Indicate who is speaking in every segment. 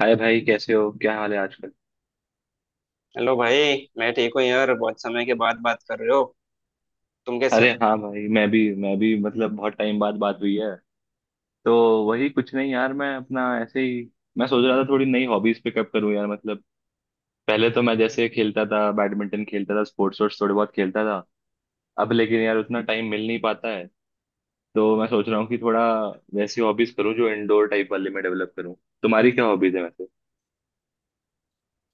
Speaker 1: हाय भाई, कैसे हो? क्या हाल है आजकल?
Speaker 2: हेलो भाई। मैं ठीक हूँ यार, बहुत समय के बाद बात कर रहे हो। तुम कैसे हो?
Speaker 1: अरे हाँ भाई, मैं भी मतलब बहुत टाइम बाद बात हुई है। तो वही, कुछ नहीं यार, मैं अपना ऐसे ही। मैं सोच रहा था थोड़ी नई हॉबीज पिकअप करूँ यार, मतलब पहले तो मैं जैसे खेलता था, बैडमिंटन खेलता था, स्पोर्ट्स वोर्ट्स थोड़े बहुत खेलता था। अब लेकिन यार उतना टाइम मिल नहीं पाता है। तो मैं सोच रहा हूँ कि थोड़ा वैसी हॉबीज करूँ जो इंडोर टाइप वाली मैं डेवलप करूँ। तुम्हारी क्या हॉबीज है वैसे?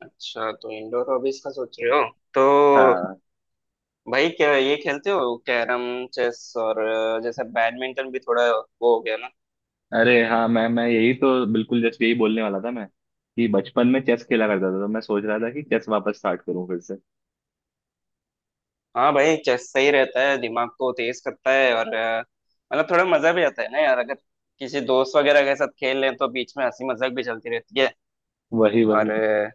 Speaker 2: अच्छा, तो इंडोर हॉबीज का सोच रहे हो। तो
Speaker 1: हाँ।
Speaker 2: भाई, क्या ये खेलते हो, कैरम, चेस और जैसे बैडमिंटन भी थोड़ा वो हो गया ना।
Speaker 1: अरे हाँ, मैं यही तो बिल्कुल जस्ट यही बोलने वाला था मैं, कि बचपन में चेस खेला करता था, तो मैं सोच रहा था कि चेस वापस स्टार्ट करूँ फिर से।
Speaker 2: हाँ भाई, चेस सही रहता है, दिमाग को तेज करता है। और मतलब थोड़ा मजा भी आता है ना यार, अगर किसी दोस्त वगैरह के साथ खेल लें तो बीच में हंसी मजाक भी चलती रहती है।
Speaker 1: वही वही।
Speaker 2: और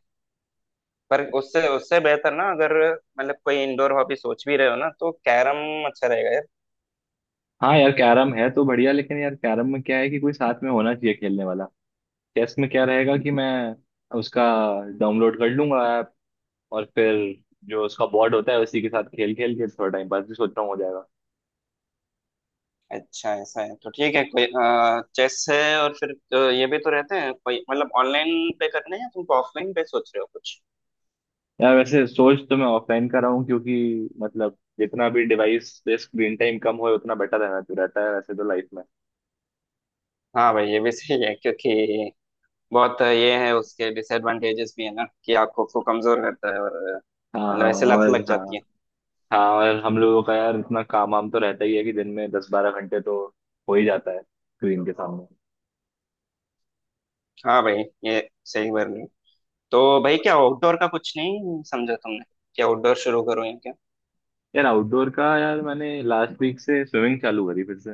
Speaker 2: पर उससे उससे बेहतर ना, अगर मतलब कोई इंडोर हॉबी सोच भी रहे हो ना, तो कैरम अच्छा रहेगा यार।
Speaker 1: हाँ यार, कैरम है तो बढ़िया, लेकिन यार कैरम में क्या है कि कोई साथ में होना चाहिए खेलने वाला। चेस में क्या रहेगा कि मैं उसका डाउनलोड कर लूंगा ऐप, और फिर जो उसका बोर्ड होता है उसी के साथ खेल खेल के थोड़ा टाइम पास भी सोच रहा हूँ हो जाएगा।
Speaker 2: अच्छा, ऐसा है तो ठीक है। कोई चेस है, और फिर ये भी तो रहते हैं, कोई मतलब ऑनलाइन पे करने हैं, तुम ऑफलाइन पे सोच रहे हो कुछ?
Speaker 1: यार वैसे सोच तो मैं ऑफलाइन कर रहा हूँ, क्योंकि मतलब जितना भी डिवाइस पे स्क्रीन टाइम कम हो उतना बेटर रहना तो रहता है वैसे तो लाइफ में।
Speaker 2: हाँ भाई, ये भी सही है, क्योंकि बहुत ये है, उसके डिसएडवांटेजेस भी है ना कि आपको को कमजोर करता है। और
Speaker 1: हाँ,
Speaker 2: मतलब
Speaker 1: हाँ,
Speaker 2: ऐसे लत
Speaker 1: और
Speaker 2: लग
Speaker 1: हाँ।
Speaker 2: जाती है।
Speaker 1: हाँ, और हम लोगों का यार इतना काम वाम तो रहता ही है कि दिन में 10-12 घंटे तो हो ही जाता है स्क्रीन के सामने।
Speaker 2: हाँ भाई, ये सही बोल रहे हो। तो भाई, क्या आउटडोर का कुछ नहीं समझा तुमने? क्या आउटडोर शुरू करो या क्या?
Speaker 1: यार आउटडोर का, यार मैंने लास्ट वीक से स्विमिंग चालू करी फिर से।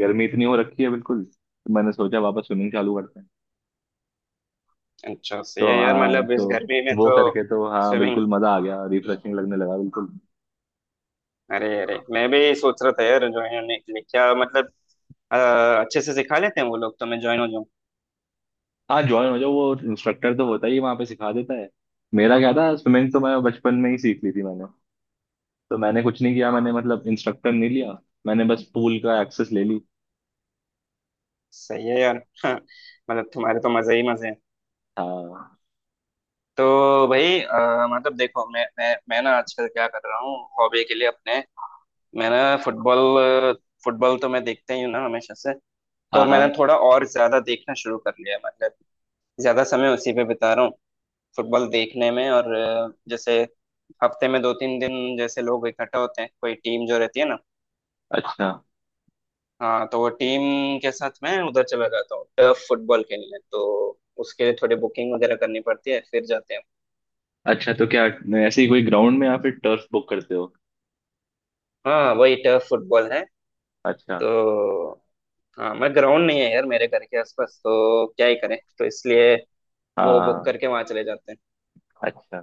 Speaker 1: गर्मी इतनी हो रखी है बिल्कुल, तो मैंने सोचा वापस स्विमिंग चालू करते हैं।
Speaker 2: अच्छा, सही है
Speaker 1: तो
Speaker 2: यार,
Speaker 1: हाँ,
Speaker 2: मतलब
Speaker 1: तो
Speaker 2: इस गर्मी में
Speaker 1: वो
Speaker 2: तो
Speaker 1: करके तो हाँ,
Speaker 2: स्विमिंग।
Speaker 1: बिल्कुल मजा आ गया, रिफ्रेशिंग लगने लगा बिल्कुल।
Speaker 2: अरे अरे, मैं भी सोच रहा था यार ज्वाइन होने के लिए। क्या मतलब, अच्छे से सिखा लेते हैं वो लोग, तो मैं ज्वाइन हो जाऊँ।
Speaker 1: हाँ, ज्वाइन हो जाओ, वो इंस्ट्रक्टर तो होता ही है, वहाँ पे सिखा देता है। मेरा क्या था, स्विमिंग तो मैं बचपन में ही सीख ली थी मैंने। तो मैंने कुछ नहीं किया, मैंने मतलब इंस्ट्रक्टर नहीं लिया। मैंने बस पूल का एक्सेस ले ली।
Speaker 2: सही है यार। मतलब तुम्हारे तो मजे ही मजे हैं।
Speaker 1: हाँ,
Speaker 2: तो भाई मतलब देखो, मैं ना आजकल क्या कर रहा हूँ हॉबी के लिए अपने। मैं ना फुटबॉल, फुटबॉल तो मैं देखता ही हूँ ना हमेशा से, तो
Speaker 1: हाँ,
Speaker 2: मैंने
Speaker 1: हाँ,
Speaker 2: थोड़ा और ज्यादा देखना शुरू कर लिया है। मतलब ज्यादा समय उसी पे बिता रहा हूँ, फुटबॉल देखने में। और जैसे हफ्ते में दो तीन दिन जैसे लोग इकट्ठा होते हैं, कोई टीम जो रहती है ना।
Speaker 1: अच्छा।
Speaker 2: हाँ, तो वो टीम के साथ मैं उधर चला जाता हूँ टर्फ फुटबॉल खेलने, तो उसके लिए थोड़ी बुकिंग वगैरह करनी पड़ती है, फिर जाते हैं।
Speaker 1: अच्छा, तो क्या ऐसे ही कोई ग्राउंड में या फिर टर्फ बुक करते हो?
Speaker 2: हाँ, वही टर्फ फुटबॉल है।
Speaker 1: अच्छा,
Speaker 2: तो हाँ, मैं ग्राउंड नहीं है यार मेरे घर के आसपास, तो क्या ही करें, तो इसलिए वो बुक
Speaker 1: हाँ,
Speaker 2: करके वहां चले जाते हैं।
Speaker 1: अच्छा।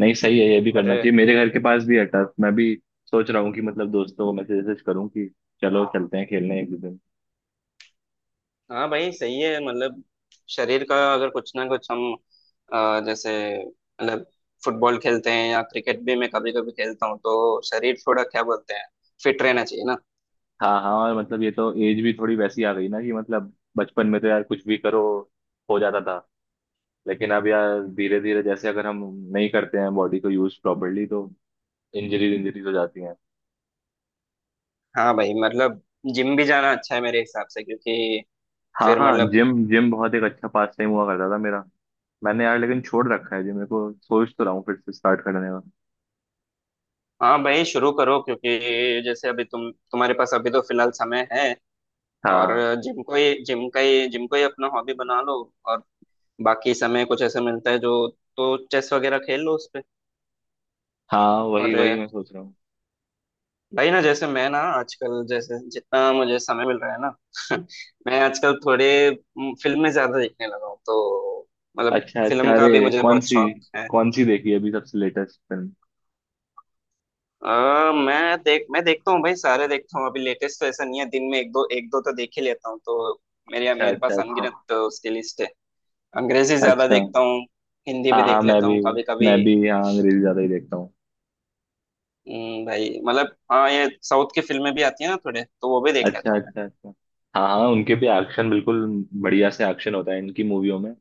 Speaker 1: नहीं, सही है, ये भी
Speaker 2: और
Speaker 1: करना चाहिए, मेरे घर के पास भी है टर्फ, मैं भी सोच रहा हूँ कि मतलब दोस्तों को मैसेज वैसेज करूँ कि चलो चलते हैं खेलने एक दो दिन।
Speaker 2: हाँ भाई, सही है मतलब, शरीर का अगर कुछ ना कुछ हम, जैसे मतलब फुटबॉल खेलते हैं, या क्रिकेट भी मैं कभी कभी खेलता हूँ, तो शरीर थोड़ा क्या बोलते हैं, फिट रहना चाहिए ना।
Speaker 1: हाँ, हाँ, और मतलब ये तो एज भी थोड़ी वैसी आ गई ना कि मतलब बचपन में तो यार कुछ भी करो, हो जाता था। लेकिन अब यार धीरे धीरे जैसे अगर हम नहीं करते हैं बॉडी को यूज प्रॉपरली, तो इंजरीज इंजरीज हो जाती हैं।
Speaker 2: हाँ भाई मतलब, जिम भी जाना अच्छा है मेरे हिसाब से, क्योंकि
Speaker 1: हाँ,
Speaker 2: फिर
Speaker 1: हाँ,
Speaker 2: मतलब,
Speaker 1: जिम जिम बहुत एक अच्छा पास टाइम हुआ करता था मेरा। मैंने यार लेकिन छोड़ रखा है जिम, मेरे को सोच तो रहा हूँ फिर से स्टार्ट करने का।
Speaker 2: हाँ भाई शुरू करो, क्योंकि जैसे अभी तुम्हारे पास अभी तो फिलहाल समय है। और
Speaker 1: हाँ,
Speaker 2: जिम को ही जिम का ही जिम को ही अपना हॉबी बना लो। और बाकी समय कुछ ऐसा मिलता है जो, तो चेस वगैरह खेल लो उस पे।
Speaker 1: हाँ, वही
Speaker 2: और
Speaker 1: वही मैं सोच रहा हूँ।
Speaker 2: भाई ना, जैसे मैं ना आजकल, जैसे जितना मुझे समय मिल रहा है ना, मैं आजकल थोड़े फिल्में ज्यादा देखने लगा हूँ, तो मतलब
Speaker 1: अच्छा,
Speaker 2: फिल्म
Speaker 1: अच्छा,
Speaker 2: का भी
Speaker 1: अरे
Speaker 2: मुझे
Speaker 1: कौन
Speaker 2: बहुत
Speaker 1: सी?
Speaker 2: शौक है।
Speaker 1: कौन सी देखी अभी सबसे लेटेस्ट फिल्म?
Speaker 2: मैं देखता हूँ भाई, सारे देखता हूँ। अभी लेटेस्ट तो ऐसा नहीं है, दिन में एक दो तो देख ही लेता हूँ, तो मेरे
Speaker 1: अच्छा,
Speaker 2: मेरे
Speaker 1: अच्छा,
Speaker 2: पास
Speaker 1: अच्छा।
Speaker 2: अनगिनत तो उसकी लिस्ट है। अंग्रेजी ज्यादा
Speaker 1: अच्छा,
Speaker 2: देखता हूँ, हिंदी भी
Speaker 1: हाँ, हाँ,
Speaker 2: देख
Speaker 1: मैं
Speaker 2: लेता हूँ
Speaker 1: भी
Speaker 2: कभी कभी।
Speaker 1: मैं भी यहाँ अंग्रेजी ज्यादा ही देखता हूँ।
Speaker 2: भाई मतलब हाँ, ये साउथ की फिल्में भी आती है ना थोड़े, तो वो भी देख
Speaker 1: अच्छा,
Speaker 2: लेता हूँ मैं।
Speaker 1: अच्छा, अच्छा, हाँ, हाँ, उनके भी एक्शन बिल्कुल बढ़िया से एक्शन होता है इनकी मूवियों में।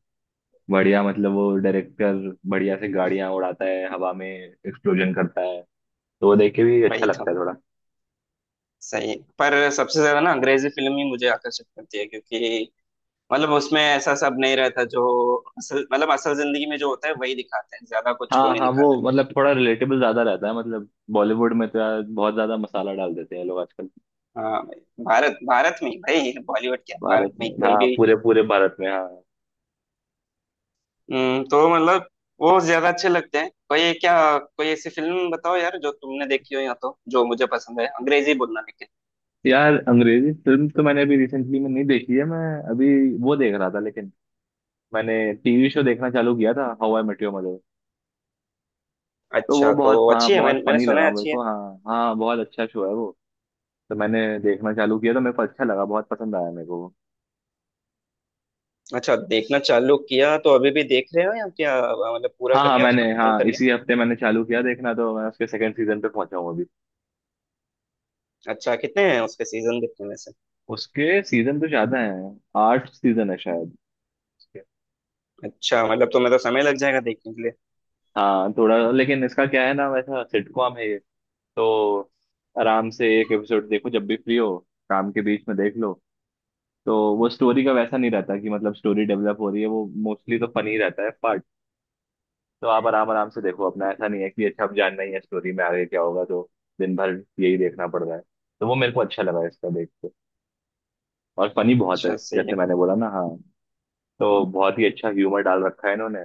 Speaker 1: बढ़िया मतलब वो डायरेक्टर बढ़िया से गाड़ियां उड़ाता है, हवा में एक्सप्लोजन करता है। तो वो देख के भी अच्छा
Speaker 2: वही
Speaker 1: लगता
Speaker 2: तो।
Speaker 1: है थोड़ा।
Speaker 2: सही है। पर सबसे ज्यादा ना अंग्रेजी फिल्म ही मुझे आकर्षित करती है, क्योंकि मतलब उसमें ऐसा सब नहीं रहता जो, असल मतलब असल जिंदगी में जो होता है वही दिखाते हैं, ज्यादा कुछ वो
Speaker 1: हाँ,
Speaker 2: नहीं
Speaker 1: हाँ, वो
Speaker 2: दिखाते।
Speaker 1: मतलब थोड़ा रिलेटेबल ज्यादा रहता है, मतलब बॉलीवुड में तो यार बहुत ज्यादा मसाला डाल देते हैं लोग आजकल।
Speaker 2: हाँ भाई, भारत भारत में ही भाई, बॉलीवुड क्या,
Speaker 1: भारत
Speaker 2: भारत में
Speaker 1: में,
Speaker 2: ही कोई
Speaker 1: हाँ,
Speaker 2: भी।
Speaker 1: पूरे पूरे भारत में, हाँ।
Speaker 2: तो मतलब वो ज्यादा अच्छे लगते हैं। कोई क्या, कोई ऐसी फिल्म बताओ यार जो तुमने देखी हो, या तो जो मुझे पसंद है, अंग्रेजी बोलना लेकिन।
Speaker 1: यार अंग्रेजी फिल्म तो मैंने अभी रिसेंटली में नहीं देखी है, मैं अभी वो देख रहा था, लेकिन मैंने टीवी शो देखना चालू किया था, how I met your mother. तो वो
Speaker 2: अच्छा तो
Speaker 1: बहुत, हाँ
Speaker 2: अच्छी है,
Speaker 1: बहुत
Speaker 2: मैंने मैंने
Speaker 1: फनी
Speaker 2: सुना
Speaker 1: लगा
Speaker 2: है
Speaker 1: मेरे
Speaker 2: अच्छी है।
Speaker 1: को, हाँ, हाँ, बहुत अच्छा शो है वो। तो मैंने देखना चालू किया, तो मेरे को अच्छा लगा, बहुत पसंद आया मेरे को।
Speaker 2: अच्छा, देखना चालू किया तो अभी भी देख रहे हो या क्या मतलब, पूरा
Speaker 1: हाँ,
Speaker 2: कर
Speaker 1: हाँ,
Speaker 2: लिया,
Speaker 1: मैंने
Speaker 2: उसको खत्म
Speaker 1: हाँ
Speaker 2: कर लिया?
Speaker 1: इसी हफ्ते मैंने चालू किया देखना, तो मैं उसके सेकंड सीजन पे पहुंचा हूँ अभी।
Speaker 2: अच्छा, कितने हैं उसके सीजन देखने में से?
Speaker 1: उसके सीजन तो ज्यादा है। 8 सीजन है शायद उसके।
Speaker 2: अच्छा मतलब तुम्हें तो समय लग जाएगा देखने के लिए।
Speaker 1: हाँ थोड़ा, लेकिन इसका क्या है ना, वैसा सिटकॉम है ये। तो आराम से एक एपिसोड देखो जब भी फ्री हो, काम के बीच में देख लो। तो वो स्टोरी का वैसा नहीं रहता कि मतलब स्टोरी डेवलप हो रही है, वो मोस्टली तो फनी रहता है पार्ट। तो आप आराम आराम से देखो अपना, ऐसा नहीं है कि अच्छा अब जानना ही है स्टोरी में आगे क्या होगा तो दिन भर यही देखना पड़ रहा है। तो वो मेरे को अच्छा लगा इसका देख, और फनी बहुत है
Speaker 2: अच्छा, सही
Speaker 1: जैसे
Speaker 2: है।
Speaker 1: मैंने बोला ना, हाँ। तो बहुत ही अच्छा ह्यूमर डाल रखा है इन्होंने।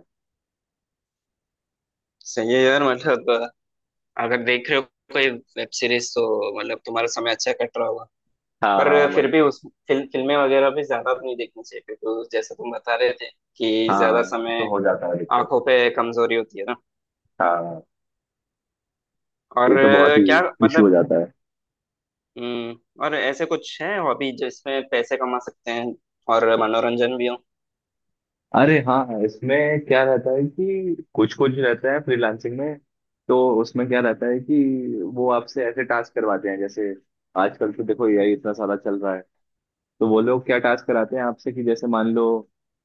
Speaker 2: सही है यार मतलब, अगर देख रहे हो कोई वेब सीरीज तो, मतलब तुम्हारा समय अच्छा कट रहा होगा।
Speaker 1: हाँ, हाँ,
Speaker 2: पर फिर
Speaker 1: वही।
Speaker 2: भी उस, फिल्में वगैरह भी ज्यादा तो नहीं देखनी चाहिए, क्योंकि जैसे तुम बता रहे थे, कि
Speaker 1: हाँ,
Speaker 2: ज्यादा
Speaker 1: हाँ, ये
Speaker 2: समय
Speaker 1: तो हो जाता है दिक्कत।
Speaker 2: आंखों पे कमजोरी होती है ना।
Speaker 1: हाँ, ये
Speaker 2: और
Speaker 1: तो बहुत ही
Speaker 2: क्या
Speaker 1: इशू हो
Speaker 2: मतलब।
Speaker 1: जाता है।
Speaker 2: और ऐसे कुछ है हॉबी जिसमें पैसे कमा सकते हैं और मनोरंजन भी हो?
Speaker 1: अरे हाँ, हाँ, इसमें क्या रहता है कि कुछ कुछ रहता है फ्रीलांसिंग में। तो उसमें क्या रहता है कि वो आपसे ऐसे टास्क करवाते हैं, जैसे आजकल तो देखो यही इतना सारा चल रहा है। तो वो लोग क्या टास्क कराते हैं आपसे कि जैसे मान लो,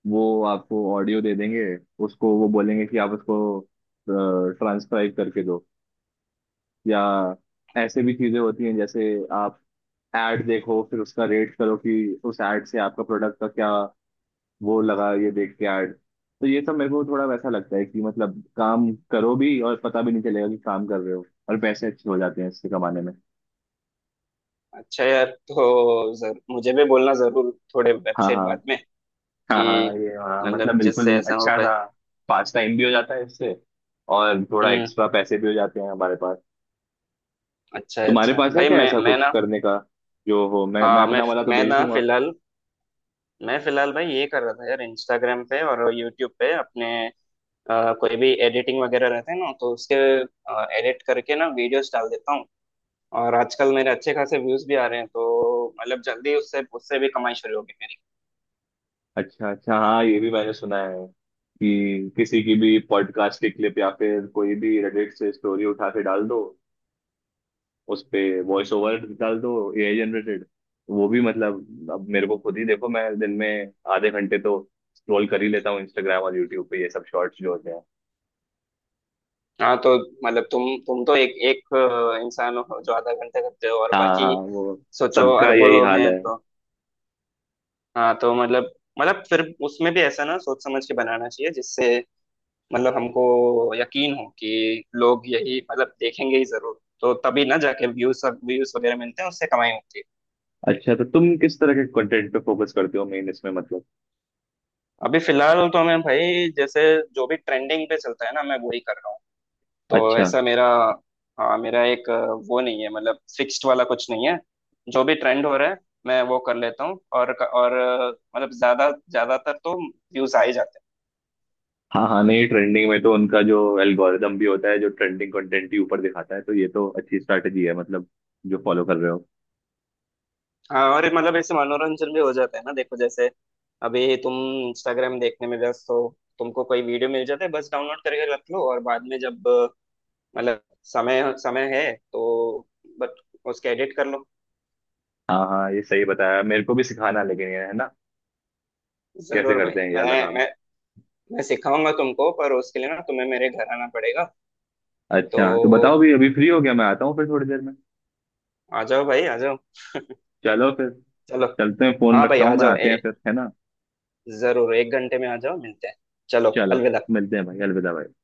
Speaker 1: वो आपको ऑडियो दे देंगे। उसको वो बोलेंगे कि आप उसको ट्रांसक्राइब करके दो। या ऐसे भी चीजें होती हैं, जैसे आप ऐड देखो फिर उसका रेट करो कि उस ऐड से आपका प्रोडक्ट का क्या वो लगा ये देख के ऐड। तो ये सब मेरे को थोड़ा वैसा लगता है कि मतलब काम करो भी और पता भी नहीं चलेगा कि काम कर रहे हो, और पैसे अच्छे हो जाते हैं इससे कमाने में।
Speaker 2: अच्छा यार, तो मुझे भी बोलना जरूर थोड़े
Speaker 1: हाँ,
Speaker 2: वेबसाइट
Speaker 1: हाँ,
Speaker 2: बाद में,
Speaker 1: हाँ,
Speaker 2: कि
Speaker 1: हाँ, ये हाँ, मतलब
Speaker 2: मतलब जिससे
Speaker 1: बिल्कुल
Speaker 2: ऐसा हो
Speaker 1: अच्छा
Speaker 2: पाए।
Speaker 1: सा पास टाइम भी हो जाता है इससे, और थोड़ा
Speaker 2: हम्म।
Speaker 1: एक्स्ट्रा पैसे भी हो जाते हैं हमारे पास।
Speaker 2: अच्छा
Speaker 1: तुम्हारे
Speaker 2: अच्छा
Speaker 1: पास है
Speaker 2: भाई,
Speaker 1: क्या
Speaker 2: मैं
Speaker 1: ऐसा
Speaker 2: मैं
Speaker 1: कुछ
Speaker 2: ना,
Speaker 1: करने का जो हो, मैं
Speaker 2: हाँ, मैं
Speaker 1: अपना वाला तो
Speaker 2: मैं
Speaker 1: भेज
Speaker 2: ना
Speaker 1: दूंगा।
Speaker 2: फिलहाल, मैं फिलहाल भाई ये कर रहा था यार, इंस्टाग्राम पे और यूट्यूब पे अपने, कोई भी एडिटिंग वगैरह रहते हैं ना, तो उसके एडिट करके ना वीडियोस डाल देता हूँ। और आजकल मेरे अच्छे खासे व्यूज भी आ रहे हैं, तो मतलब जल्दी उससे उससे भी कमाई शुरू होगी मेरी।
Speaker 1: अच्छा, अच्छा, हाँ ये भी मैंने सुना है कि किसी की भी पॉडकास्ट की क्लिप या फिर कोई भी रेडिट से स्टोरी उठा के डाल दो उस पे, वॉइस ओवर डाल दो, एआई जनरेटेड। वो भी मतलब अब मेरे को खुद ही देखो, मैं दिन में आधे घंटे तो स्क्रॉल कर ही लेता हूँ इंस्टाग्राम और यूट्यूब पे ये सब शॉर्ट्स जो होते हैं।
Speaker 2: हाँ तो मतलब तुम तो एक एक, इंसान हो जो आधा घंटा करते हो, और
Speaker 1: हाँ, हाँ,
Speaker 2: बाकी
Speaker 1: वो
Speaker 2: सोचो
Speaker 1: सबका
Speaker 2: अरबों
Speaker 1: यही
Speaker 2: लोग
Speaker 1: हाल
Speaker 2: हैं
Speaker 1: है।
Speaker 2: तो। हाँ तो मतलब फिर उसमें भी ऐसा ना सोच समझ के बनाना चाहिए, जिससे मतलब हमको यकीन हो कि लोग यही मतलब देखेंगे ही जरूर, तो तभी ना जाके व्यूज व्यूज वगैरह मिलते हैं, उससे कमाई होती है।
Speaker 1: अच्छा, तो तुम किस तरह के कंटेंट पे फोकस करते हो मेन इसमें, मतलब?
Speaker 2: अभी फिलहाल तो मैं भाई, जैसे जो भी ट्रेंडिंग पे चलता है ना, मैं वही कर रहा हूँ। तो
Speaker 1: अच्छा,
Speaker 2: ऐसा मेरा, हाँ मेरा एक, वो नहीं है मतलब, फिक्स्ड वाला कुछ नहीं है, जो भी ट्रेंड हो रहा है मैं वो कर लेता हूँ। और मतलब ज्यादातर तो व्यूज आ ही जाते हैं।
Speaker 1: हाँ, हाँ, नहीं ट्रेंडिंग में तो उनका जो एल्गोरिदम भी होता है जो ट्रेंडिंग कंटेंट ही ऊपर दिखाता है, तो ये तो अच्छी स्ट्रैटेजी है मतलब जो फॉलो कर रहे हो।
Speaker 2: हाँ और ये मतलब ऐसे मनोरंजन भी हो जाता है ना। देखो जैसे अभी तुम इंस्टाग्राम देखने में व्यस्त हो, तुमको कोई वीडियो मिल जाता है, बस डाउनलोड करके रख लो, और बाद में जब मतलब समय समय है तो, बट उसके एडिट कर लो।
Speaker 1: हाँ, हाँ, ये सही बताया, मेरे को भी सिखाना लेकिन ये है ना, कैसे
Speaker 2: जरूर भाई,
Speaker 1: करते हैं ये वाला
Speaker 2: मैं
Speaker 1: काम?
Speaker 2: मैं मैं सिखाऊंगा तुमको, पर उसके लिए ना तुम्हें मेरे घर आना पड़ेगा। तो
Speaker 1: अच्छा, तो बताओ भी, अभी फ्री हो गया, मैं आता हूँ फिर थोड़ी देर में।
Speaker 2: आ जाओ भाई, आ जाओ।
Speaker 1: चलो फिर।
Speaker 2: चलो,
Speaker 1: चलते हैं, फोन
Speaker 2: हाँ भाई
Speaker 1: रखता
Speaker 2: आ
Speaker 1: हूँ मैं,
Speaker 2: जाओ,
Speaker 1: आते हैं फिर है ना।
Speaker 2: जरूर 1 घंटे में आ जाओ, मिलते हैं। चलो,
Speaker 1: चलो,
Speaker 2: अलविदा।
Speaker 1: मिलते हैं भाई, अलविदा भाई।